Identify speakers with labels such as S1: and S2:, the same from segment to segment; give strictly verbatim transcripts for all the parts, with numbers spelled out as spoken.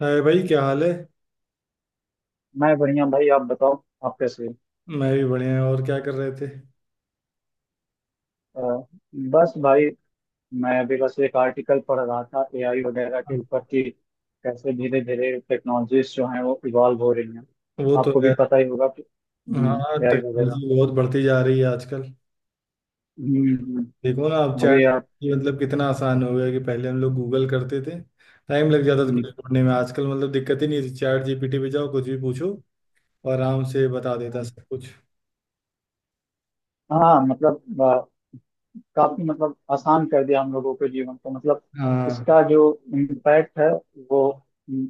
S1: हाय भाई, क्या हाल है।
S2: मैं बढ़िया भाई आप बताओ। आप कैसे हो?
S1: मैं भी बढ़िया है, और क्या कर रहे थे।
S2: अ, बस भाई मैं अभी बस एक आर्टिकल पढ़ रहा था एआई वगैरह के ऊपर कि कैसे धीरे धीरे टेक्नोलॉजीज जो हैं वो इवॉल्व हो रही हैं।
S1: वो तो
S2: आपको भी
S1: है।
S2: पता ही होगा कि
S1: हाँ,
S2: एआई वगैरह।
S1: टेक्नोलॉजी बहुत बढ़ती जा रही है आजकल।
S2: हम्म, हम्म,
S1: देखो ना, अब
S2: अभी
S1: चैट
S2: आप।
S1: मतलब कितना आसान हो गया कि पहले हम लोग गूगल करते थे। टाइम लग जाता था कुछ ढूंढने में, आजकल मतलब दिक्कत ही नहीं है, चैट जीपीटी पे जाओ कुछ भी पूछो और आराम से बता देता
S2: हम्म।
S1: सब कुछ।
S2: हाँ मतलब अ, काफी मतलब आसान कर दिया हम लोगों के जीवन को मतलब
S1: हाँ
S2: इसका जो इम्पैक्ट है वो हम्म,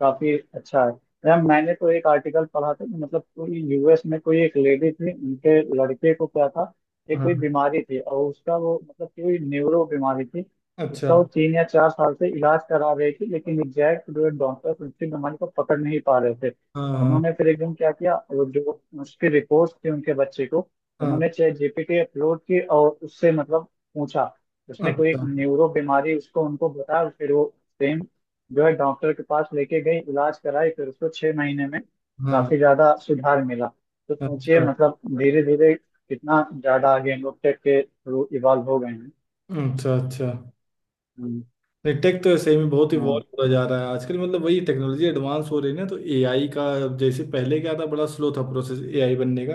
S2: काफी अच्छा है। यार मैंने तो एक आर्टिकल पढ़ा था कि मतलब कोई यूएस में कोई एक लेडी थी उनके लड़के को क्या था। एक कोई
S1: हाँ।
S2: बीमारी थी और उसका वो मतलब कोई न्यूरो बीमारी थी।
S1: अच्छा।
S2: उसका वो तीन या चार साल से इलाज करा रही थी लेकिन एग्जैक्ट जो है डॉक्टर उसकी बीमारी को पकड़ नहीं पा रहे थे।
S1: हाँ हाँ
S2: उन्होंने फिर एकदम क्या किया वो जो उसकी रिपोर्ट थी उनके बच्चे को
S1: हाँ,
S2: उन्होंने चैट जीपीटी अपलोड की और उससे मतलब पूछा। उसने कोई एक
S1: अच्छा।
S2: न्यूरो बीमारी उसको उनको बताया फिर वो सेम जो है डॉक्टर के पास लेके गई इलाज कराई फिर उसको छह महीने में
S1: हाँ,
S2: काफी ज्यादा सुधार मिला। तो सोचिए
S1: अच्छा
S2: मतलब धीरे धीरे कितना ज्यादा आगे हम लोग टेक के थ्रू इवॉल्व हो गए हैं।
S1: अच्छा अच्छा।
S2: हम्म,
S1: नहीं, टेक तो सही में बहुत
S2: हाँ,
S1: इवॉल्व होता जा रहा है आजकल, मतलब वही टेक्नोलॉजी एडवांस हो रही है ना, तो एआई का जैसे पहले क्या था, बड़ा स्लो था प्रोसेस एआई बनने का।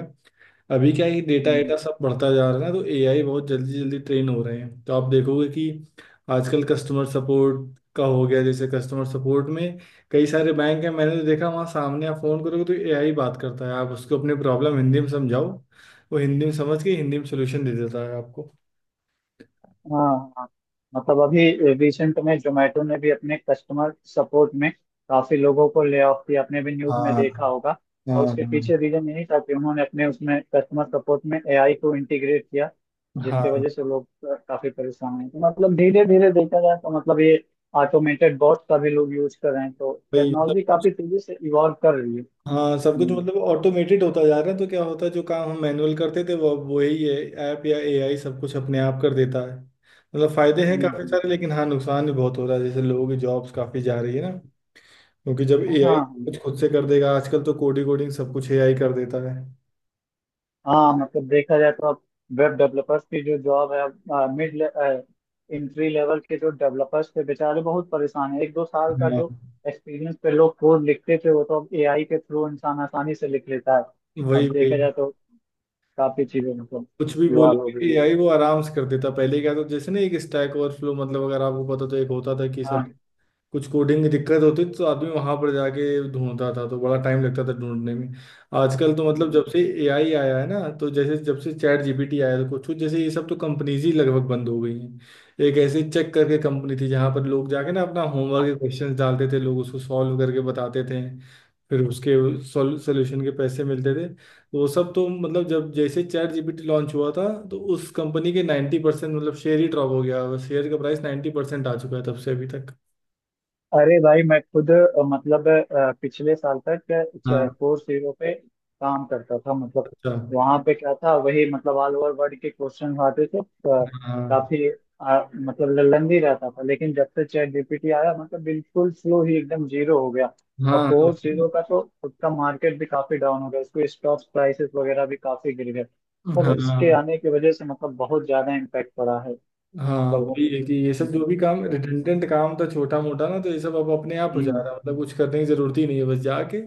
S1: अभी क्या है, डेटा
S2: हम्म।
S1: एटा सब बढ़ता जा रहा है ना, तो एआई बहुत जल्दी जल्दी ट्रेन हो रहे हैं, तो आप देखोगे कि आजकल कस्टमर सपोर्ट का हो गया, जैसे कस्टमर सपोर्ट में कई सारे बैंक हैं, मैंने तो देखा वहाँ सामने आप फोन करोगे तो एआई बात करता है, आप उसको अपनी प्रॉब्लम हिंदी में समझाओ, वो हिंदी में समझ के हिंदी में सोल्यूशन दे देता है आपको।
S2: हाँ हाँ। मतलब अभी रिसेंट में जोमेटो ने भी अपने कस्टमर सपोर्ट में काफी लोगों को ले ऑफ किया। आपने भी न्यूज में
S1: हाँ
S2: देखा होगा। और
S1: हाँ।
S2: उसके
S1: हाँ
S2: पीछे रीजन यही था कि उन्होंने अपने उसमें कस्टमर सपोर्ट में एआई को इंटीग्रेट किया जिसकी
S1: हाँ।
S2: वजह से लोग अ, काफी परेशान हैं। तो मतलब धीरे धीरे देखा जाए तो मतलब ये ऑटोमेटेड बॉट का भी लोग यूज कर रहे हैं तो
S1: भाई, सब
S2: टेक्नोलॉजी
S1: कुछ।
S2: काफी तेजी से इवॉल्व कर रही है।
S1: हाँ, सब कुछ
S2: हम्म,
S1: मतलब ऑटोमेटेड होता जा रहा है, तो क्या होता है जो काम हम मैनुअल करते थे वो वही है, ऐप या एआई सब कुछ अपने आप कर देता है। मतलब फायदे हैं
S2: हम्म,
S1: काफी
S2: हम्म।
S1: सारे, लेकिन हाँ, नुकसान भी बहुत हो रहा है, जैसे लोगों की जॉब्स काफी जा रही है ना, क्योंकि जब
S2: हाँ
S1: एआई
S2: हाँ
S1: कुछ खुद से कर देगा आजकल, तो कोडिंग कोडिंग सब कुछ एआई कर देता है।
S2: हाँ। मतलब देखा जाए तो अब वेब डेवलपर्स की जो जॉब है अब मिड इंट्री लेवल के जो डेवलपर्स थे बेचारे बहुत परेशान है। एक दो साल का
S1: हाँ।
S2: जो एक्सपीरियंस पे लोग कोड लिखते थे वो तो अब एआई के थ्रू इंसान आसानी से लिख लेता है। अब
S1: वही वही
S2: देखा जाए तो काफी चीजें मतलब
S1: कुछ भी
S2: इवॉल्व हो गई
S1: बोले
S2: है।
S1: एआई वो आराम से कर देता। पहले क्या था जैसे ना, एक स्टैक ओवरफ्लो, मतलब अगर आपको पता, तो एक होता था कि
S2: हाँ।
S1: सब कुछ कोडिंग की दिक्कत होती थी तो आदमी वहां पर जाके ढूंढता था, तो बड़ा टाइम लगता था ढूंढने में। आजकल तो मतलब जब से एआई आया है ना, तो जैसे जब से चैट जीपीटी आया है, तो कुछ कुछ जैसे ये सब तो कंपनीज ही लगभग बंद हो गई हैं। एक ऐसी चेक करके कंपनी थी जहां पर लोग जाके ना अपना होमवर्क के क्वेश्चंस डालते थे, लोग उसको सॉल्व करके बताते थे, फिर उसके सोल्यूशन के पैसे मिलते थे। वो सब तो मतलब जब जैसे चैट जीपीटी लॉन्च हुआ था, तो उस कंपनी के नब्बे परसेंट मतलब शेयर ही ड्रॉप हो गया, शेयर का प्राइस नब्बे परसेंट आ चुका है तब से अभी तक।
S2: अरे भाई मैं खुद अ, मतलब अ, पिछले साल तक कोर्स जीरो पे काम करता था मतलब
S1: अच्छा।
S2: वहां पे क्या था वही मतलब ऑल ओवर वर्ल्ड के क्वेश्चन आते थे अ,
S1: हाँ
S2: काफी अ, मतलब लंदी रहता था लेकिन जब से चैट जीपीटी आया मतलब बिल्कुल फ्लो ही एकदम जीरो हो गया।
S1: हाँ।
S2: और
S1: हाँ,
S2: कोर्स
S1: वही ना।
S2: जीरो का तो उसका मार्केट भी काफी डाउन हो गया। उसके स्टॉक प्राइसेस वगैरह भी काफी गिर गए। मतलब इसके
S1: हाँ
S2: आने की वजह से मतलब बहुत ज्यादा इम्पेक्ट पड़ा है।
S1: हाँ,
S2: मतलब वो-
S1: वही है कि ये सब जो भी काम रिडंडेंट काम था छोटा मोटा ना, तो ये सब अब अपने आप हो जा
S2: हम्म।
S1: रहा है, मतलब कुछ करने की जरूरत ही नहीं है, बस जाके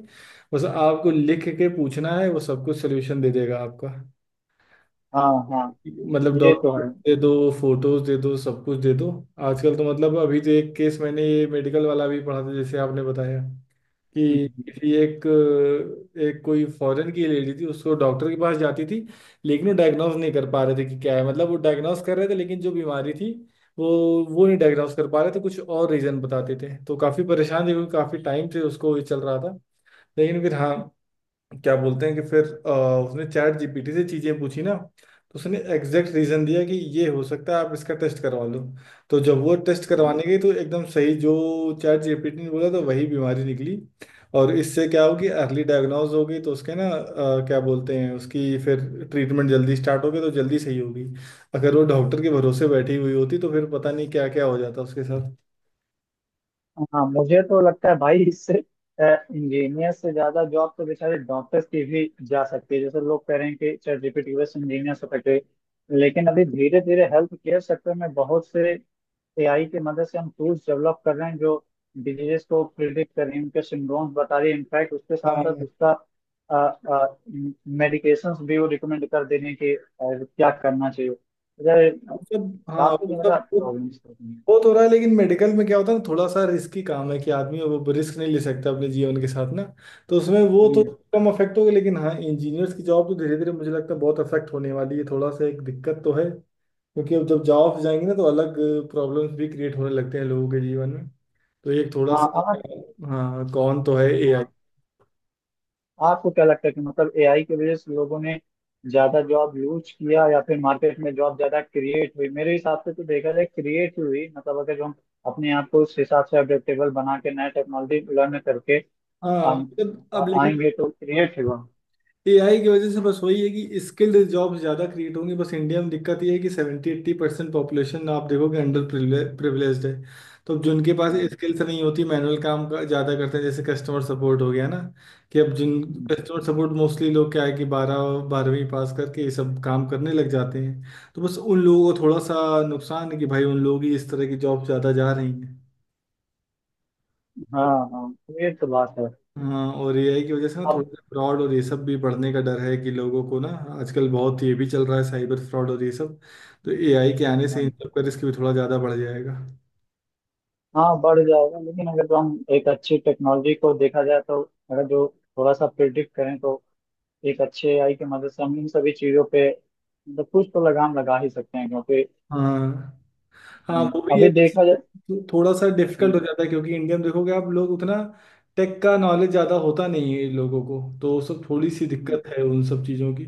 S1: बस आपको लिख के पूछना है, वो सब कुछ सोल्यूशन दे देगा आपका।
S2: हाँ हाँ।
S1: मतलब
S2: ये तो है।
S1: डॉक्यूमेंट दे दो, फोटोज दे दो, सब कुछ दे दो। आजकल तो मतलब, अभी तो एक केस मैंने ये मेडिकल वाला भी पढ़ा था जैसे आपने बताया, कि किसी एक एक कोई फॉरेन की लेडी थी, उसको डॉक्टर के पास जाती थी लेकिन वो डायग्नोज नहीं कर पा रहे थे कि क्या है, मतलब वो डायग्नोज कर रहे थे, लेकिन जो बीमारी थी वो वो नहीं डायग्नोज कर पा रहे थे, कुछ और रीजन बताते थे। तो काफी परेशान थे क्योंकि काफी टाइम से उसको ये चल रहा था। लेकिन फिर हाँ, क्या बोलते हैं कि फिर अ, उसने चैट जीपीटी से चीजें पूछी ना, तो उसने एग्जैक्ट रीजन दिया कि ये हो सकता है, आप इसका टेस्ट करवा लो। तो जब वो टेस्ट
S2: हाँ।
S1: करवाने गई, तो एकदम सही जो चैट जीपीटी ने बोला तो वही बीमारी निकली। और इससे क्या होगी, अर्ली डायग्नोज हो गई तो उसके ना अ, क्या बोलते हैं, उसकी फिर ट्रीटमेंट जल्दी स्टार्ट होगी तो जल्दी सही होगी। अगर वो डॉक्टर के भरोसे बैठी हुई होती, तो फिर पता नहीं क्या क्या हो जाता उसके साथ।
S2: मुझे तो लगता है भाई इससे इंजीनियर से ज्यादा जॉब तो बेचारे डॉक्टर्स की भी जा सकती है जैसे लोग कह रहे हैं कि चैट जीपीटी बस इंजीनियर हो सकते हैं, लेकिन अभी धीरे धीरे हेल्थ केयर सेक्टर में बहुत से एआई की मदद से हम टूल्स डेवलप कर रहे हैं जो डिजीजेस को प्रिडिक्ट कर रही हैं। उनके सिम्टोम्स बता रही है। इनफैक्ट उसके साथ
S1: हाँ
S2: साथ
S1: वो
S2: उसका मेडिकेशंस भी वो रिकमेंड कर दे रही हैं कि अ, क्या करना चाहिए अगर
S1: सब हाँ
S2: काफी
S1: वो
S2: ज्यादा
S1: सब वो
S2: प्रॉब्लम्स होती
S1: तो हो रहा है, लेकिन मेडिकल में क्या होता है ना, थोड़ा सा रिस्की काम है कि आदमी वो रिस्क नहीं ले सकता अपने जीवन के साथ ना, तो उसमें वो तो
S2: हैं।
S1: कम अफेक्ट होगा। लेकिन हाँ, इंजीनियर्स की जॉब तो धीरे धीरे मुझे लगता है बहुत अफेक्ट होने वाली है, थोड़ा सा एक दिक्कत तो है। क्योंकि अब जब जॉब जाएंगे ना, तो अलग प्रॉब्लम्स भी क्रिएट होने लगते हैं लोगों के जीवन में, तो एक थोड़ा
S2: हाँ आप।
S1: सा। हाँ, कौन तो है एआई।
S2: हाँ। आपको क्या लगता है कि मतलब एआई की वजह से लोगों ने ज्यादा जॉब लूज किया या फिर मार्केट में जॉब ज्यादा क्रिएट हुई? मेरे हिसाब से तो देखा जाए क्रिएट हुई मतलब अगर जो हम अपने आप को उस हिसाब से अडेप्टेबल बना के नया टेक्नोलॉजी लर्न करके
S1: हाँ
S2: हम
S1: मतलब अब लेकिन
S2: आएंगे तो क्रिएट हुआ।
S1: एआई की वजह से बस वही है कि स्किल्ड जॉब्स ज़्यादा क्रिएट होंगी। बस इंडिया में दिक्कत ये है कि सेवेंटी एट्टी परसेंट पॉपुलेशन आप देखोगे अंडर प्रिविलेज्ड है। तो अब जिनके पास
S2: हाँ
S1: स्किल्स नहीं होती, मैनुअल काम का ज़्यादा करते हैं, जैसे कस्टमर सपोर्ट हो गया ना, कि अब जिन कस्टमर सपोर्ट मोस्टली लोग क्या है, कि बारह बारहवीं पास करके ये सब काम करने लग जाते हैं, तो बस उन लोगों को थोड़ा सा नुकसान है कि भाई उन लोग ही इस तरह की जॉब ज़्यादा जा रही हैं।
S2: हाँ हाँ, ये तो बात है।
S1: हाँ, और एआई की वजह से ना
S2: अब
S1: थोड़ा सा फ्रॉड और ये सब भी बढ़ने का डर है कि लोगों को ना, आजकल बहुत ये भी चल रहा है साइबर फ्रॉड और ये सब, तो एआई के आने से इन
S2: हाँ
S1: सब का रिस्क भी थोड़ा ज़्यादा बढ़ जाएगा।
S2: हाँ, बढ़ जाएगा लेकिन अगर जो हम एक अच्छी टेक्नोलॉजी को देखा जाए तो अगर जो थोड़ा सा प्रिडिक्ट करें तो एक अच्छे एआई की मदद से हम इन सभी चीजों पे मतलब कुछ तो लगाम लगा ही सकते हैं क्योंकि
S1: हाँ। हाँ,
S2: हम्म,
S1: वो भी है,
S2: अभी
S1: बस
S2: देखा जाए।
S1: तो थोड़ा सा डिफिकल्ट
S2: हम्म,
S1: हो जाता है क्योंकि इंडिया में देखोगे आप, लोग उतना टेक का नॉलेज ज़्यादा होता नहीं है लोगों को, तो वो सब थोड़ी सी
S2: हम्म,
S1: दिक्कत है उन सब चीज़ों की।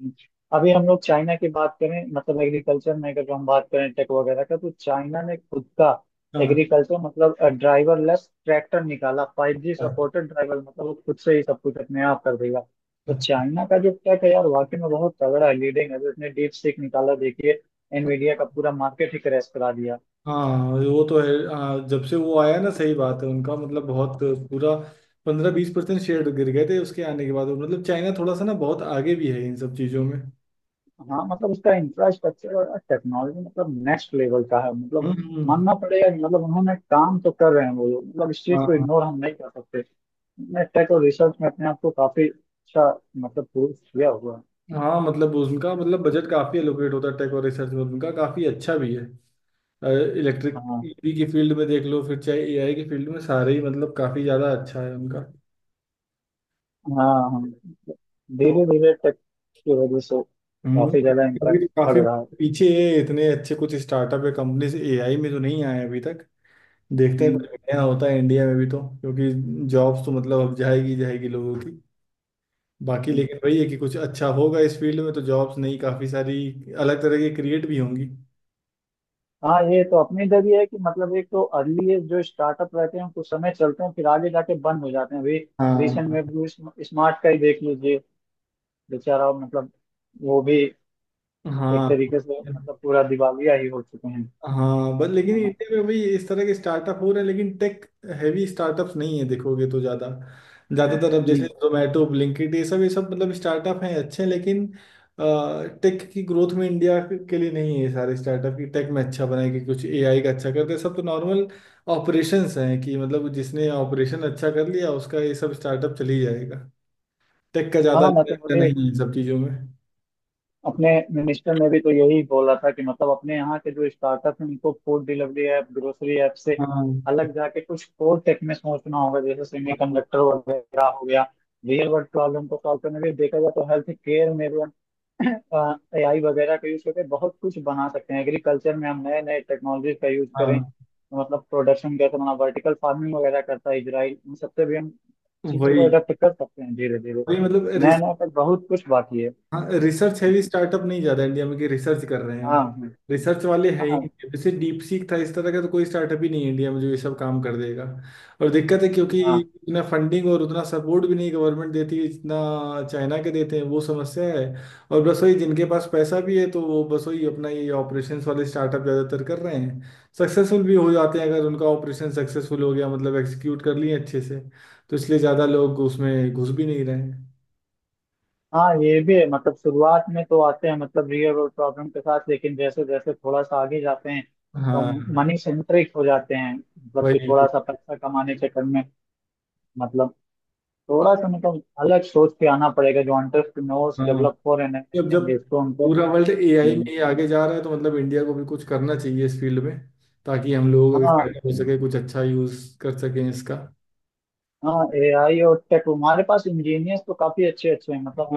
S2: हम्म। अभी हम लोग चाइना की बात करें मतलब एग्रीकल्चर में अगर हम बात करें टेक वगैरह का तो चाइना ने खुद का
S1: हाँ।
S2: एग्रीकल्चर मतलब ड्राइवर लेस ट्रैक्टर निकाला फाइव जी सपोर्टेड ड्राइवर मतलब वो खुद से ही सब कुछ अपने आप कर देगा। तो
S1: अच्छा।
S2: चाइना का जो टेक है यार वाकई में बहुत तगड़ा है। लीडिंग है। उसने डीप सीख निकाला। देखिए एनवीडिया का पूरा मार्केट ही क्रैश करा दिया।
S1: हाँ, वो तो है। हाँ, जब से वो आया ना, सही बात है, उनका मतलब बहुत पूरा पंद्रह बीस परसेंट शेयर गिर गए थे उसके आने के बाद। मतलब चाइना थोड़ा सा ना बहुत आगे भी है इन सब चीज़ों में।
S2: हाँ मतलब उसका इंफ्रास्ट्रक्चर और टेक्नोलॉजी मतलब नेक्स्ट लेवल का है। मतलब
S1: हम्म।
S2: मानना पड़ेगा कि मतलब उन्होंने काम तो कर रहे हैं वो लोग मतलब इस चीज को
S1: हाँ।
S2: इग्नोर हम नहीं कर सकते। उन्होंने टेक और रिसर्च में अपने आप को काफी अच्छा मतलब प्रूव किया हुआ है।
S1: हाँ मतलब उनका मतलब बजट काफ़ी एलोकेट होता है टेक और रिसर्च में, उनका काफ़ी अच्छा भी है। इलेक्ट्रिक
S2: हाँ
S1: ईवी की फील्ड में देख लो, फिर चाहे एआई की फील्ड में, सारे ही मतलब काफ़ी ज़्यादा अच्छा है उनका।
S2: हाँ हाँ।
S1: तो
S2: धीरे धीरे टेक की वजह से
S1: हम्म,
S2: काफी ज्यादा
S1: अभी
S2: इम्पैक्ट
S1: तो
S2: पड़
S1: काफ़ी
S2: रहा है।
S1: पीछे है, इतने अच्छे कुछ स्टार्टअप या कंपनीज एआई में तो नहीं आए अभी तक। देखते हैं
S2: हम्म,
S1: कुछ बढ़िया होता है इंडिया में भी, तो क्योंकि जॉब्स तो मतलब अब जाएगी जाएगी लोगों की, बाकी
S2: हम्म।
S1: लेकिन वही है कि कुछ अच्छा होगा इस फील्ड में तो जॉब्स नहीं, काफी सारी अलग तरह की क्रिएट भी होंगी।
S2: हाँ ये तो अपने इधर ही है कि मतलब एक तो अर्ली एज जो स्टार्टअप रहते हैं कुछ समय चलते हैं फिर आगे जाके बंद हो जाते हैं। अभी रिसेंट
S1: हाँ
S2: में ब्लू स्मार्ट का ही देख लीजिए बेचारा मतलब वो भी एक
S1: हाँ।
S2: तरीके से मतलब पूरा दिवालिया ही हो चुके हैं।
S1: हाँ बट लेकिन
S2: हाँ।
S1: इंडिया में भी इस तरह के स्टार्टअप हो रहे हैं, लेकिन टेक हैवी स्टार्टअप्स नहीं है देखोगे तो ज़्यादा। ज़्यादातर अब जैसे
S2: हम्म,
S1: जोमेटो, ब्लिंकिट, ये सब ये सब मतलब स्टार्टअप हैं अच्छे, लेकिन टेक की ग्रोथ में इंडिया के लिए नहीं है ये सारे स्टार्टअप की। टेक में अच्छा बनाएगी कुछ एआई का अच्छा करते हैं, सब तो नॉर्मल ऑपरेशंस हैं कि मतलब जिसने ऑपरेशन अच्छा कर लिया उसका ये सब स्टार्टअप चल ही जाएगा, टेक का ज़्यादा
S2: हाँ, मतलब
S1: लेना
S2: मुझे
S1: नहीं है इन सब चीज़ों में।
S2: अपने मिनिस्टर ने भी तो यही बोला था कि मतलब अपने यहाँ के जो स्टार्टअप हैं उनको food delivery app grocery app से
S1: हाँ
S2: अलग जाके कुछ और टेक में सोचना होगा जैसे
S1: हाँ हाँ,
S2: सेमीकंडक्टर वगैरह हो गया। रियल वर्ल्ड प्रॉब्लम को सॉल्व करने के लिए देखा जाए तो हेल्थ केयर में भी एआई वगैरह का यूज करके बहुत कुछ बना सकते हैं। एग्रीकल्चर में हम नए नए टेक्नोलॉजी का यूज करें
S1: हाँ
S2: तो मतलब प्रोडक्शन कैसे बना वर्टिकल फार्मिंग वगैरह करता है इजराइल। इन सबसे भी हम चीज़ों को
S1: वही
S2: अडेप्ट कर सकते हैं धीरे धीरे।
S1: वही मतलब।
S2: नया नया पर बहुत कुछ बाकी है।
S1: हाँ, रिसर्च हैवी स्टार्टअप नहीं ज्यादा इंडिया में कि रिसर्च कर रहे हो,
S2: हाँ
S1: रिसर्च वाले है
S2: हाँ
S1: ही
S2: हाँ
S1: नहीं। जैसे डीप सीक था इस तरह का, तो कोई स्टार्टअप ही नहीं है इंडिया में जो ये सब काम कर देगा। और दिक्कत है क्योंकि
S2: हाँ।
S1: इतना फंडिंग और उतना सपोर्ट भी नहीं गवर्नमेंट देती है जितना चाइना के देते हैं, वो समस्या है। और बस वही जिनके पास पैसा भी है तो वो बस वही अपना ये ऑपरेशंस वाले स्टार्टअप ज्यादातर कर रहे हैं, सक्सेसफुल भी हो जाते हैं अगर उनका ऑपरेशन सक्सेसफुल हो गया, मतलब एग्जीक्यूट कर लिए अच्छे से, तो इसलिए ज्यादा लोग उसमें घुस भी नहीं रहे हैं।
S2: हाँ, ये भी है मतलब शुरुआत में तो आते हैं मतलब रियल वर्ल्ड प्रॉब्लम के साथ लेकिन जैसे जैसे थोड़ा सा आगे जाते हैं तो मनी
S1: हाँ
S2: सेंट्रिक हो जाते हैं। मतलब कि
S1: वही।
S2: थोड़ा सा पैसा कमाने के चक्कर में मतलब थोड़ा सा मतलब अलग सोच के आना पड़ेगा जो एंटरप्रेन्योर्स
S1: हाँ,
S2: डेवलप हो रहे हैं नए
S1: जब
S2: नए
S1: जब
S2: generation, तो उनको
S1: पूरा वर्ल्ड एआई में
S2: हम्म,
S1: ही आगे जा रहा है, तो मतलब इंडिया को भी कुछ करना चाहिए इस फील्ड में, ताकि हम लोग अभी
S2: हाँ
S1: फायदा हो सके, कुछ अच्छा यूज कर सकें इसका।
S2: हाँ। एआई और टेक हमारे पास इंजीनियर्स तो काफी अच्छे अच्छे हैं मतलब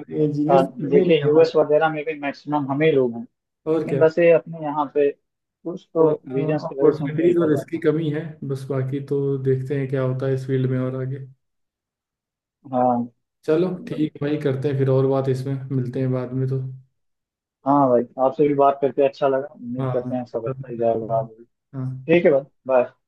S2: अ,
S1: इंजीनियर कमी नहीं
S2: देखिए
S1: है हमारे,
S2: यूएस वगैरह में भी मैक्सिमम हम ही लोग हैं
S1: और
S2: लेकिन
S1: क्या,
S2: बस ये अपने यहाँ पे कुछ तो
S1: थोड़ा सा
S2: रीजंस की वजह से हम फेल
S1: अपॉर्चुनिटीज
S2: कर
S1: और
S2: जाते
S1: इसकी
S2: हैं।
S1: कमी है। बस बाकी तो देखते हैं क्या होता है इस फील्ड में और आगे।
S2: हाँ
S1: चलो ठीक
S2: मतलब
S1: है भाई, करते हैं फिर और बात, इसमें मिलते हैं बाद में तो।
S2: हाँ भाई आपसे भी बात करके अच्छा लगा। उम्मीद
S1: हाँ
S2: करते हैं सब अच्छा ही जाएगा आगे भी। ठीक है
S1: हाँ।
S2: भाई बाय।